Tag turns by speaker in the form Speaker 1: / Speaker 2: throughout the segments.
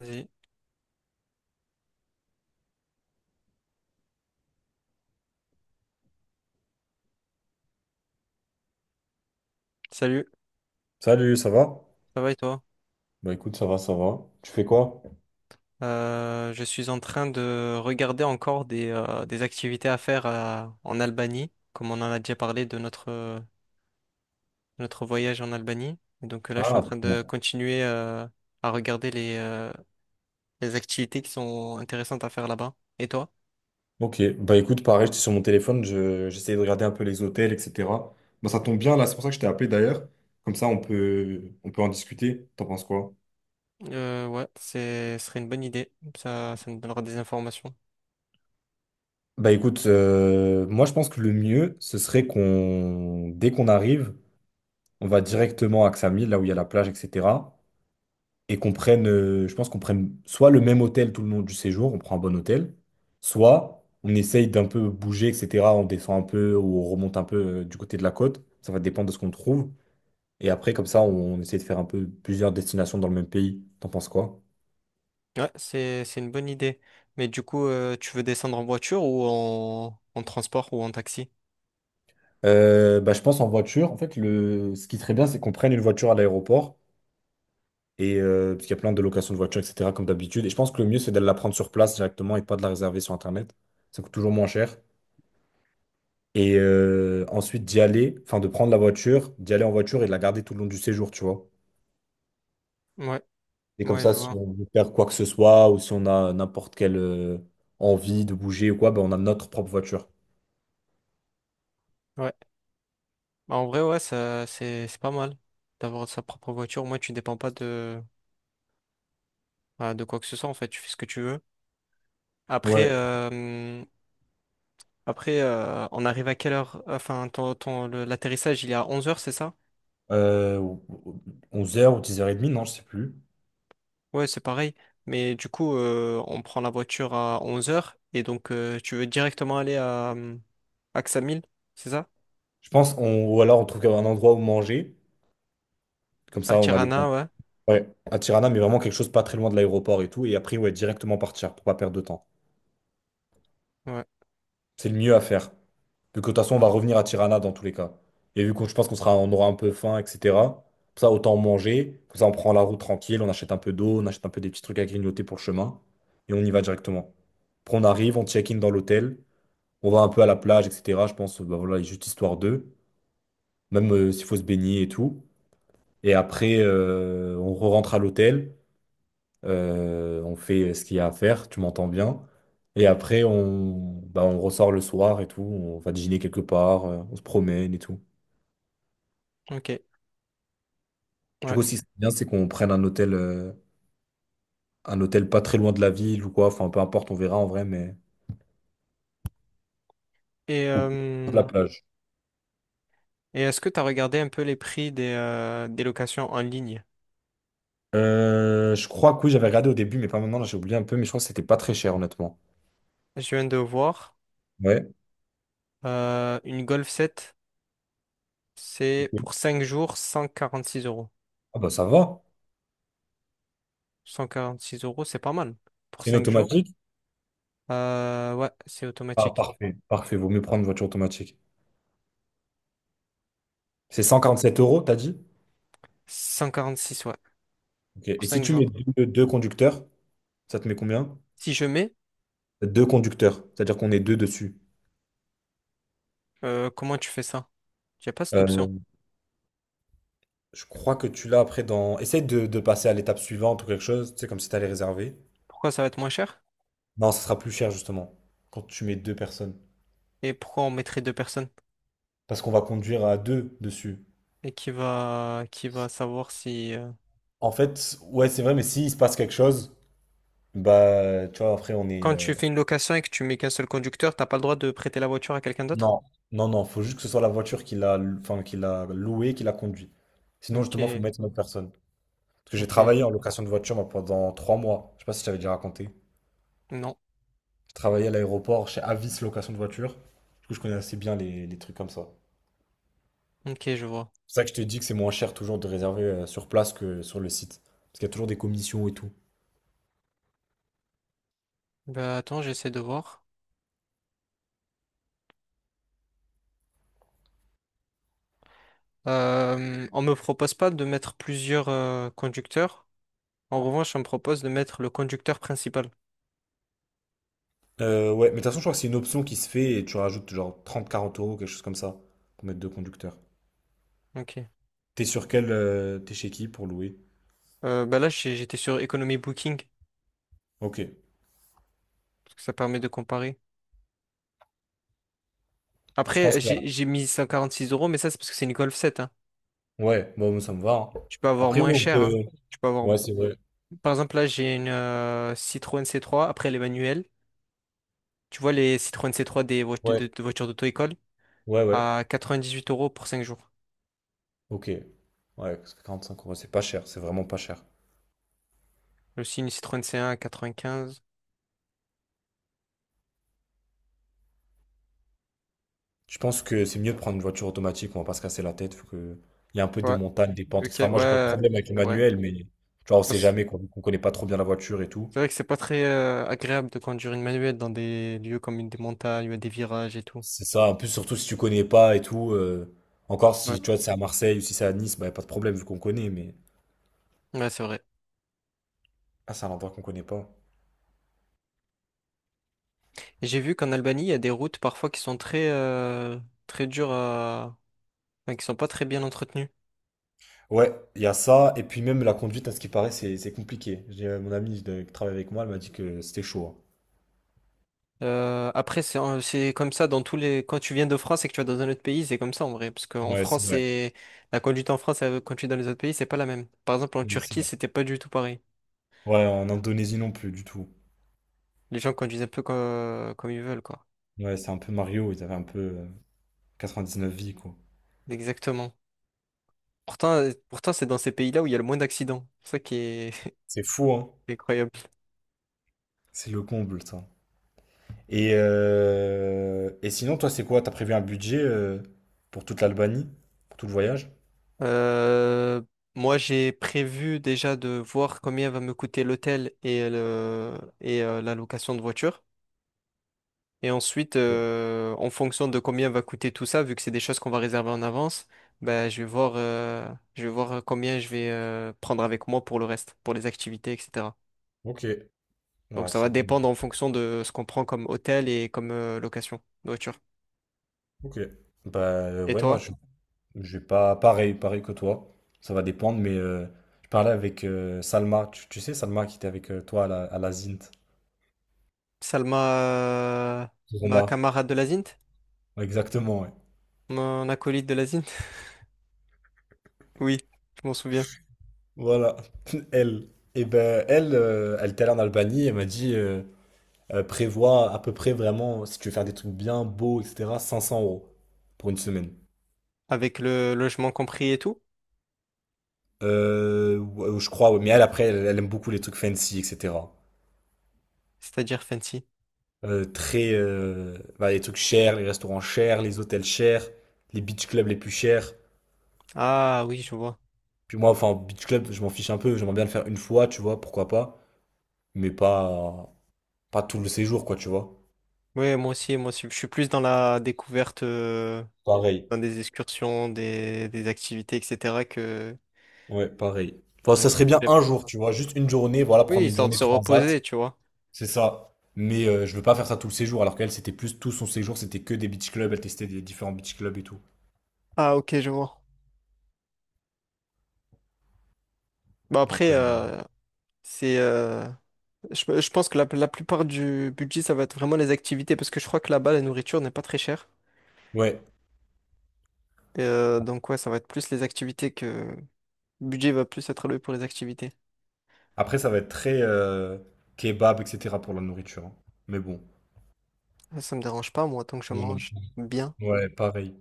Speaker 1: Vas-y. Salut,
Speaker 2: Salut, ça va?
Speaker 1: ça va et toi?
Speaker 2: Bah écoute, ça va, ça va. Tu fais quoi?
Speaker 1: Je suis en train de regarder encore des activités à faire en Albanie, comme on en a déjà parlé de notre voyage en Albanie. Et donc là, je suis en
Speaker 2: Ah,
Speaker 1: train de
Speaker 2: ouais.
Speaker 1: continuer à regarder les activités qui sont intéressantes à faire là-bas. Et toi?
Speaker 2: ok. Bah écoute, pareil, j'étais sur mon téléphone, j'essayais de regarder un peu les hôtels, etc. Bah ça tombe bien, là, c'est pour ça que je t'ai appelé d'ailleurs. Comme ça, on peut en discuter. T'en penses quoi?
Speaker 1: Ouais, ce serait une bonne idée. Ça nous donnera des informations.
Speaker 2: Bah écoute, moi je pense que le mieux, ce serait qu'on, dès qu'on arrive, on va directement à Ksamil, là où il y a la plage, etc. Et qu'on prenne, je pense qu'on prenne soit le même hôtel tout le long du séjour, on prend un bon hôtel, soit on essaye d'un peu bouger, etc. On descend un peu ou on remonte un peu du côté de la côte. Ça va dépendre de ce qu'on trouve. Et après, comme ça, on essaie de faire un peu plusieurs destinations dans le même pays. T'en penses quoi?
Speaker 1: Ouais, c'est une bonne idée. Mais du coup, tu veux descendre en voiture ou en transport ou en taxi?
Speaker 2: Bah, je pense en voiture. En fait, ce qui serait bien, c'est qu'on prenne une voiture à l'aéroport. Et parce qu'il y a plein de locations de voitures, etc., comme d'habitude. Et je pense que le mieux, c'est d'aller la prendre sur place directement et pas de la réserver sur Internet. Ça coûte toujours moins cher. Et ensuite d'y aller, enfin de prendre la voiture, d'y aller en voiture et de la garder tout le long du séjour, tu vois.
Speaker 1: Ouais,
Speaker 2: Et comme
Speaker 1: ouais, je
Speaker 2: ça, si
Speaker 1: vois.
Speaker 2: on veut faire quoi que ce soit ou si on a n'importe quelle envie de bouger ou quoi, ben on a notre propre voiture.
Speaker 1: Ouais. Bah, en vrai, ouais, ça, c'est pas mal d'avoir sa propre voiture. Moi, tu dépends pas de quoi que ce soit, en fait. Tu fais ce que tu veux. Après,
Speaker 2: Ouais,
Speaker 1: euh, après, on arrive à quelle heure? Enfin, l'atterrissage, il est à 11 heures, c'est ça?
Speaker 2: euh, 11h ou 10h30, non, je sais plus.
Speaker 1: Ouais, c'est pareil. Mais du coup, on prend la voiture à 11 heures. Et donc, tu veux directement aller à Ksamil, c'est ça?
Speaker 2: Je pense, ou alors on trouve un endroit où manger, comme
Speaker 1: À
Speaker 2: ça on a le temps.
Speaker 1: Tirana, ouais.
Speaker 2: Ouais, à Tirana, mais vraiment quelque chose pas très loin de l'aéroport et tout, et après, ouais, directement partir pour pas perdre de temps.
Speaker 1: Ouais,
Speaker 2: C'est le mieux à faire. Vu que de toute façon, on va revenir à Tirana dans tous les cas. Et vu que je pense on aura un peu faim, etc. Pour ça, autant manger. Comme ça, on prend la route tranquille, on achète un peu d'eau, on achète un peu des petits trucs à grignoter pour le chemin. Et on y va directement. Après, on arrive, on check-in dans l'hôtel. On va un peu à la plage, etc. Je pense, bah voilà, juste histoire d'eux. Même s'il faut se baigner et tout. Et après, on re-rentre à l'hôtel. On fait ce qu'il y a à faire, tu m'entends bien. Et après, on ressort le soir et tout. On va dîner quelque part, on se promène et tout.
Speaker 1: ok.
Speaker 2: Du
Speaker 1: Ouais.
Speaker 2: coup, si c'est bien, c'est qu'on prenne un hôtel pas très loin de la ville ou quoi. Enfin, peu importe, on verra en vrai, mais.
Speaker 1: Et,
Speaker 2: Ou plus proche de la
Speaker 1: euh,
Speaker 2: plage.
Speaker 1: et est-ce que tu as regardé un peu les prix des locations en ligne?
Speaker 2: Je crois que oui, j'avais regardé au début, mais pas maintenant, là, j'ai oublié un peu, mais je crois que c'était pas très cher, honnêtement.
Speaker 1: Je viens de voir
Speaker 2: Ouais.
Speaker 1: une Golf 7, c'est
Speaker 2: Ok.
Speaker 1: pour 5 jours, 146 euros.
Speaker 2: Ah bah ça va.
Speaker 1: 146 euros, c'est pas mal pour
Speaker 2: C'est une
Speaker 1: 5 jours.
Speaker 2: automatique?
Speaker 1: Ouais, c'est
Speaker 2: Ah
Speaker 1: automatique.
Speaker 2: parfait, parfait, vaut mieux prendre une voiture automatique. C'est 147 euros, t'as dit?
Speaker 1: 146, ouais,
Speaker 2: Ok.
Speaker 1: pour
Speaker 2: Et si
Speaker 1: cinq
Speaker 2: tu
Speaker 1: jours.
Speaker 2: mets deux conducteurs, ça te met combien?
Speaker 1: Si je mets,
Speaker 2: Deux conducteurs, c'est-à-dire qu'on est deux dessus.
Speaker 1: Comment tu fais ça? J'ai pas cette option.
Speaker 2: Euh, je crois que tu l'as après dans. Essaye de passer à l'étape suivante ou quelque chose, tu sais, comme si t'allais réserver.
Speaker 1: Pourquoi ça va être moins cher?
Speaker 2: Non, ça sera plus cher justement quand tu mets deux personnes.
Speaker 1: Et pourquoi on mettrait deux personnes?
Speaker 2: Parce qu'on va conduire à deux dessus.
Speaker 1: Et qui va savoir si...
Speaker 2: En fait, ouais, c'est vrai, mais s'il se passe quelque chose, bah, tu vois, après, on est.
Speaker 1: Quand tu fais une location et que tu mets qu'un seul conducteur, t'as pas le droit de prêter la voiture à quelqu'un d'autre?
Speaker 2: Non, non, faut juste que ce soit la voiture qui l'a enfin, qui l'a louée, qui l'a conduit. Sinon, justement, faut
Speaker 1: Ok,
Speaker 2: mettre une autre personne. Parce que j'ai
Speaker 1: ok,
Speaker 2: travaillé en location de voiture moi, pendant trois mois. Je sais pas si je t'avais déjà raconté.
Speaker 1: non,
Speaker 2: J'ai travaillé à l'aéroport chez Avis Location de voiture. Du coup, je connais assez bien les trucs comme ça.
Speaker 1: ok, je vois.
Speaker 2: C'est pour ça que je te dis que c'est moins cher toujours de réserver sur place que sur le site. Parce qu'il y a toujours des commissions et tout.
Speaker 1: Bah attends, j'essaie de voir. On me propose pas de mettre plusieurs conducteurs. En revanche, on me propose de mettre le conducteur principal.
Speaker 2: Ouais, mais de toute façon, je crois que c'est une option qui se fait et tu rajoutes genre trente quarante euros, quelque chose comme ça, pour mettre deux conducteurs.
Speaker 1: Ok.
Speaker 2: T'es sur quel. T'es chez qui pour louer?
Speaker 1: Bah là, j'étais sur Economy Booking,
Speaker 2: Ok.
Speaker 1: parce que ça permet de comparer.
Speaker 2: Bah, Je pense
Speaker 1: Après,
Speaker 2: que.
Speaker 1: j'ai
Speaker 2: Là.
Speaker 1: j'ai mis 6 euros, mais ça c'est parce que c'est une Golf 7, hein.
Speaker 2: Ouais, bon, ça me va. Hein.
Speaker 1: Tu peux avoir
Speaker 2: Après, ouais,
Speaker 1: moins
Speaker 2: on
Speaker 1: cher,
Speaker 2: peut.
Speaker 1: hein. Tu peux avoir...
Speaker 2: Ouais, c'est vrai.
Speaker 1: Par exemple, là, j'ai une Citroën C3, après les manuels. Tu vois, les Citroën C3, des de,
Speaker 2: Ouais,
Speaker 1: de voitures d'auto-école
Speaker 2: ouais, ouais.
Speaker 1: à 98 euros pour 5 jours.
Speaker 2: Ok. Ouais, parce que cinq euros, c'est pas cher, c'est vraiment pas cher.
Speaker 1: Aussi une Citroën C1 à 95.
Speaker 2: Je pense que c'est mieux de prendre une voiture automatique, on va pas se casser la tête, faut que. Il y a un peu des
Speaker 1: Ouais.
Speaker 2: montagnes, des pentes,
Speaker 1: Ok, ouais,
Speaker 2: etc.
Speaker 1: ouais,
Speaker 2: Moi, j'ai pas de
Speaker 1: ouais,
Speaker 2: problème avec le
Speaker 1: c'est vrai.
Speaker 2: manuel, mais tu vois, on sait jamais, quoi, vu qu'on connaît pas trop bien la voiture et tout.
Speaker 1: C'est vrai que c'est pas très agréable de conduire une manuelle dans des lieux comme une des montagnes, où il y a des virages et tout.
Speaker 2: C'est ça, en plus, surtout si tu connais pas et tout. Encore
Speaker 1: Ouais.
Speaker 2: si tu vois, c'est à Marseille ou si c'est à Nice, bah, y a pas de problème vu qu'on connaît, mais
Speaker 1: Ouais, c'est vrai.
Speaker 2: ah, c'est un endroit qu'on connaît pas.
Speaker 1: Et j'ai vu qu'en Albanie, il y a des routes parfois qui sont très dures à... enfin, qui sont pas très bien entretenues.
Speaker 2: Ouais, il y a ça, et puis même la conduite, à ce qui paraît, c'est compliqué. J'ai mon amie de- qui travaille avec moi, elle m'a dit que c'était chaud.
Speaker 1: Après, c'est comme ça dans tous les... Quand tu viens de France et que tu vas dans un autre pays, c'est comme ça en vrai. Parce
Speaker 2: Hein.
Speaker 1: qu'en
Speaker 2: Ouais, c'est
Speaker 1: France,
Speaker 2: vrai.
Speaker 1: c'est... La conduite en France et la conduite dans les autres pays, c'est pas la même. Par exemple, en
Speaker 2: Ouais, c'est
Speaker 1: Turquie,
Speaker 2: vrai.
Speaker 1: c'était pas du tout pareil.
Speaker 2: Ouais, en Indonésie non plus, du tout.
Speaker 1: Les gens conduisent un peu comme ils veulent, quoi.
Speaker 2: Ouais, c'est un peu Mario, ils avaient un peu neuf vies, quoi.
Speaker 1: Exactement. Pourtant, c'est dans ces pays-là où il y a le moins d'accidents. C'est ça qui est...
Speaker 2: C'est fou, hein?
Speaker 1: Incroyable.
Speaker 2: C'est le comble, ça. Et sinon, toi, c'est quoi? T'as prévu un budget pour toute l'Albanie, pour tout le voyage?
Speaker 1: Euh, Moi, j'ai prévu déjà de voir combien va me coûter l'hôtel et la location de voiture. Et ensuite, en fonction de combien va coûter tout ça, vu que c'est des choses qu'on va réserver en avance, ben, je vais voir combien je vais prendre avec moi pour le reste, pour les activités, etc.
Speaker 2: Ok,
Speaker 1: Donc,
Speaker 2: ouais,
Speaker 1: ça va
Speaker 2: c'est bon.
Speaker 1: dépendre en fonction de ce qu'on prend comme hôtel et comme location de voiture.
Speaker 2: Ok. Bah
Speaker 1: Et
Speaker 2: ouais, moi
Speaker 1: toi...
Speaker 2: je je vais pas pareil, pareil que toi. Ça va dépendre, mais je parlais avec Salma. Tu sais Salma qui était avec toi à la Zint.
Speaker 1: Salma, euh, ma
Speaker 2: Roma.
Speaker 1: camarade de la Zint,
Speaker 2: Ouais, exactement, ouais.
Speaker 1: mon acolyte de la Zint. Oui, je m'en souviens.
Speaker 2: Voilà. Elle. Et ben elle, elle était allée en Albanie, elle m'a dit prévois à peu près vraiment, si tu veux faire des trucs bien beaux, etc., 500 € pour une semaine.
Speaker 1: Avec le logement compris et tout,
Speaker 2: Ouais, je crois, ouais. Mais elle après, elle aime beaucoup les trucs fancy, etc.
Speaker 1: c'est-à-dire fancy.
Speaker 2: Très, les trucs chers, les restaurants chers, les hôtels chers, les beach clubs les plus chers.
Speaker 1: Ah oui, je vois.
Speaker 2: Puis moi, enfin, beach club, je m'en fiche un peu, j'aimerais bien le faire une fois, tu vois, pourquoi pas, mais pas tout le séjour, quoi, tu vois.
Speaker 1: Oui, moi aussi, moi aussi. Je suis plus dans la découverte,
Speaker 2: Pareil.
Speaker 1: dans des excursions, des activités, etc., que
Speaker 2: Ouais, pareil. Enfin,
Speaker 1: dans
Speaker 2: ça serait bien
Speaker 1: les...
Speaker 2: un jour, tu vois, juste une journée, voilà,
Speaker 1: Oui,
Speaker 2: prendre une
Speaker 1: histoire de
Speaker 2: journée
Speaker 1: se
Speaker 2: transat,
Speaker 1: reposer, tu vois.
Speaker 2: c'est ça. Mais je veux pas faire ça tout le séjour, alors qu'elle, c'était plus tout son séjour, c'était que des beach clubs, elle testait des différents beach clubs et tout.
Speaker 1: Ah ok, je vois. Bah
Speaker 2: Donc,
Speaker 1: après, c'est, euh, je pense que la plupart du budget, ça va être vraiment les activités, parce que je crois que là-bas, la nourriture n'est pas très chère.
Speaker 2: ouais.
Speaker 1: Et donc ouais, ça va être plus les activités que... Le budget va plus être alloué pour les activités.
Speaker 2: Après, ça va être très kebab, etc. pour la nourriture. Hein. Mais bon.
Speaker 1: Ça me dérange pas, moi, tant que je
Speaker 2: Non, non.
Speaker 1: mange bien.
Speaker 2: Ouais, pareil,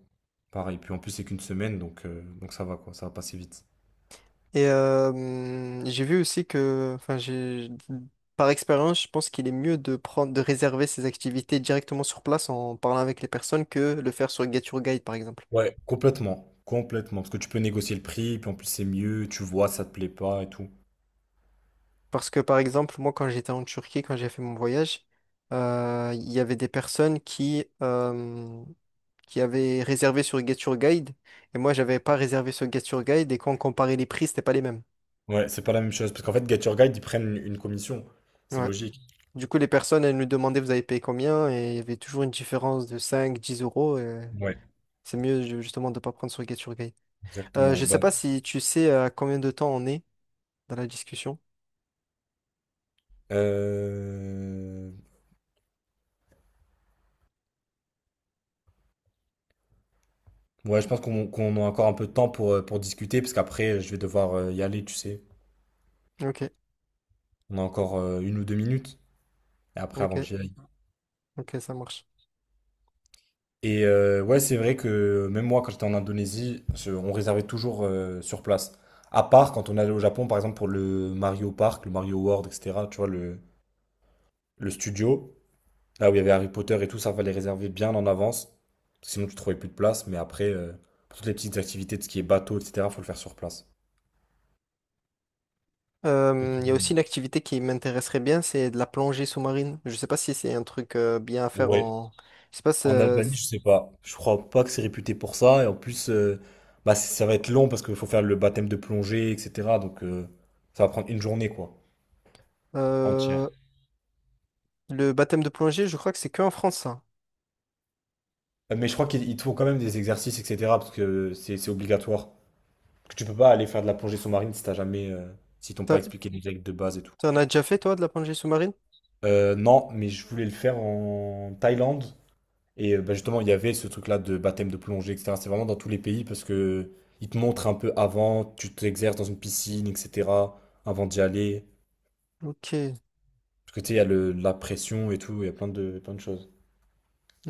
Speaker 2: pareil. Puis en plus, c'est qu'une semaine, donc ça va, quoi, ça va passer vite.
Speaker 1: Et j'ai vu aussi que, enfin, par expérience, je pense qu'il est mieux de de réserver ses activités directement sur place en parlant avec les personnes que le faire sur Get Your Guide, par exemple.
Speaker 2: Ouais, complètement, complètement. Parce que tu peux négocier le prix, puis en plus, c'est mieux, tu vois, ça te plaît pas et tout.
Speaker 1: Parce que, par exemple, moi, quand j'étais en Turquie, quand j'ai fait mon voyage, il y avait des personnes qui avaient réservé sur Get Your Guide, et moi, j'avais pas réservé sur Get Your Guide, et quand on comparait les prix, c'était pas les mêmes.
Speaker 2: Ouais, c'est pas la même chose. Parce qu'en fait, Get Your Guide, ils prennent une commission. C'est
Speaker 1: Ouais.
Speaker 2: logique.
Speaker 1: Du coup, les personnes, elles nous demandaient vous avez payé combien, et il y avait toujours une différence de 5, 10 euros. Et
Speaker 2: Ouais,
Speaker 1: c'est mieux justement de ne pas prendre sur Get Your Guide.
Speaker 2: exactement.
Speaker 1: Je sais pas si tu sais à combien de temps on est dans la discussion.
Speaker 2: Euh, Ouais, je pense qu'on a encore un peu de temps pour discuter, parce qu'après, je vais devoir y aller, tu sais.
Speaker 1: Ok,
Speaker 2: On a encore une ou deux minutes, et après, avant
Speaker 1: ok,
Speaker 2: que j'y aille.
Speaker 1: ok, ça marche.
Speaker 2: Et ouais, c'est vrai que même moi, quand j'étais en Indonésie, on réservait toujours sur place. À part quand on allait au Japon, par exemple, pour le Mario Park, le Mario World, etc. Tu vois, le studio, là où il y avait Harry Potter et tout, ça fallait réserver bien en avance. Sinon, tu trouvais plus de place. Mais après, pour toutes les petites activités de ce qui est bateau, etc., faut le faire sur place.
Speaker 1: Il y a aussi une activité qui m'intéresserait bien, c'est de la plongée sous-marine. Je sais pas si c'est un truc bien à faire
Speaker 2: Ouais,
Speaker 1: en... Je sais pas,
Speaker 2: en Albanie, je sais pas. Je crois pas que c'est réputé pour ça. Et en plus, ça va être long parce qu'il faut faire le baptême de plongée, etc. Donc, ça va prendre une journée, quoi.
Speaker 1: euh,
Speaker 2: Entière.
Speaker 1: le baptême de plongée, je crois que c'est que en France, ça.
Speaker 2: Mais je crois qu'ils ils te font quand même des exercices, etc. Parce que c'est obligatoire. Parce que tu peux pas aller faire de la plongée sous-marine si t'as jamais, si t'ont pas
Speaker 1: T'en
Speaker 2: expliqué les règles de base et tout.
Speaker 1: t'en as déjà fait, toi, de la plongée sous-marine?
Speaker 2: Non, mais je voulais le faire en Thaïlande. Et bah, justement, il y avait ce truc-là de baptême de plongée, etc. C'est vraiment dans tous les pays parce que ils te montrent un peu avant, tu t'exerces dans une piscine, etc. Avant d'y aller.
Speaker 1: Ok,
Speaker 2: Parce que tu sais, il y a la pression et tout, il y a plein plein de choses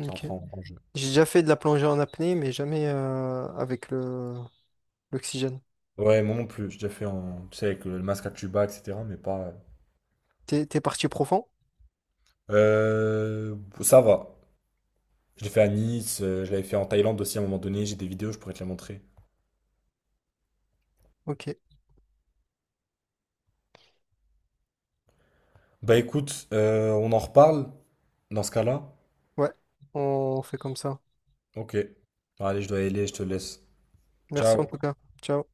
Speaker 2: qui entrent en jeu.
Speaker 1: J'ai déjà fait de la plongée en apnée, mais jamais avec le l'oxygène.
Speaker 2: Ouais, moi non plus, j'ai déjà fait en, tu sais, avec le masque à tuba, etc. Mais pas,
Speaker 1: T'es parti profond?
Speaker 2: Ça va. Je l'ai fait à Nice, je l'avais fait en Thaïlande aussi à un moment donné, j'ai des vidéos, je pourrais te les montrer.
Speaker 1: Ok.
Speaker 2: Bah écoute, on en reparle dans ce cas-là.
Speaker 1: Ouais, on fait comme ça.
Speaker 2: Ok. Bon, allez, je dois y aller, je te laisse.
Speaker 1: Merci en
Speaker 2: Ciao.
Speaker 1: tout cas. Ciao.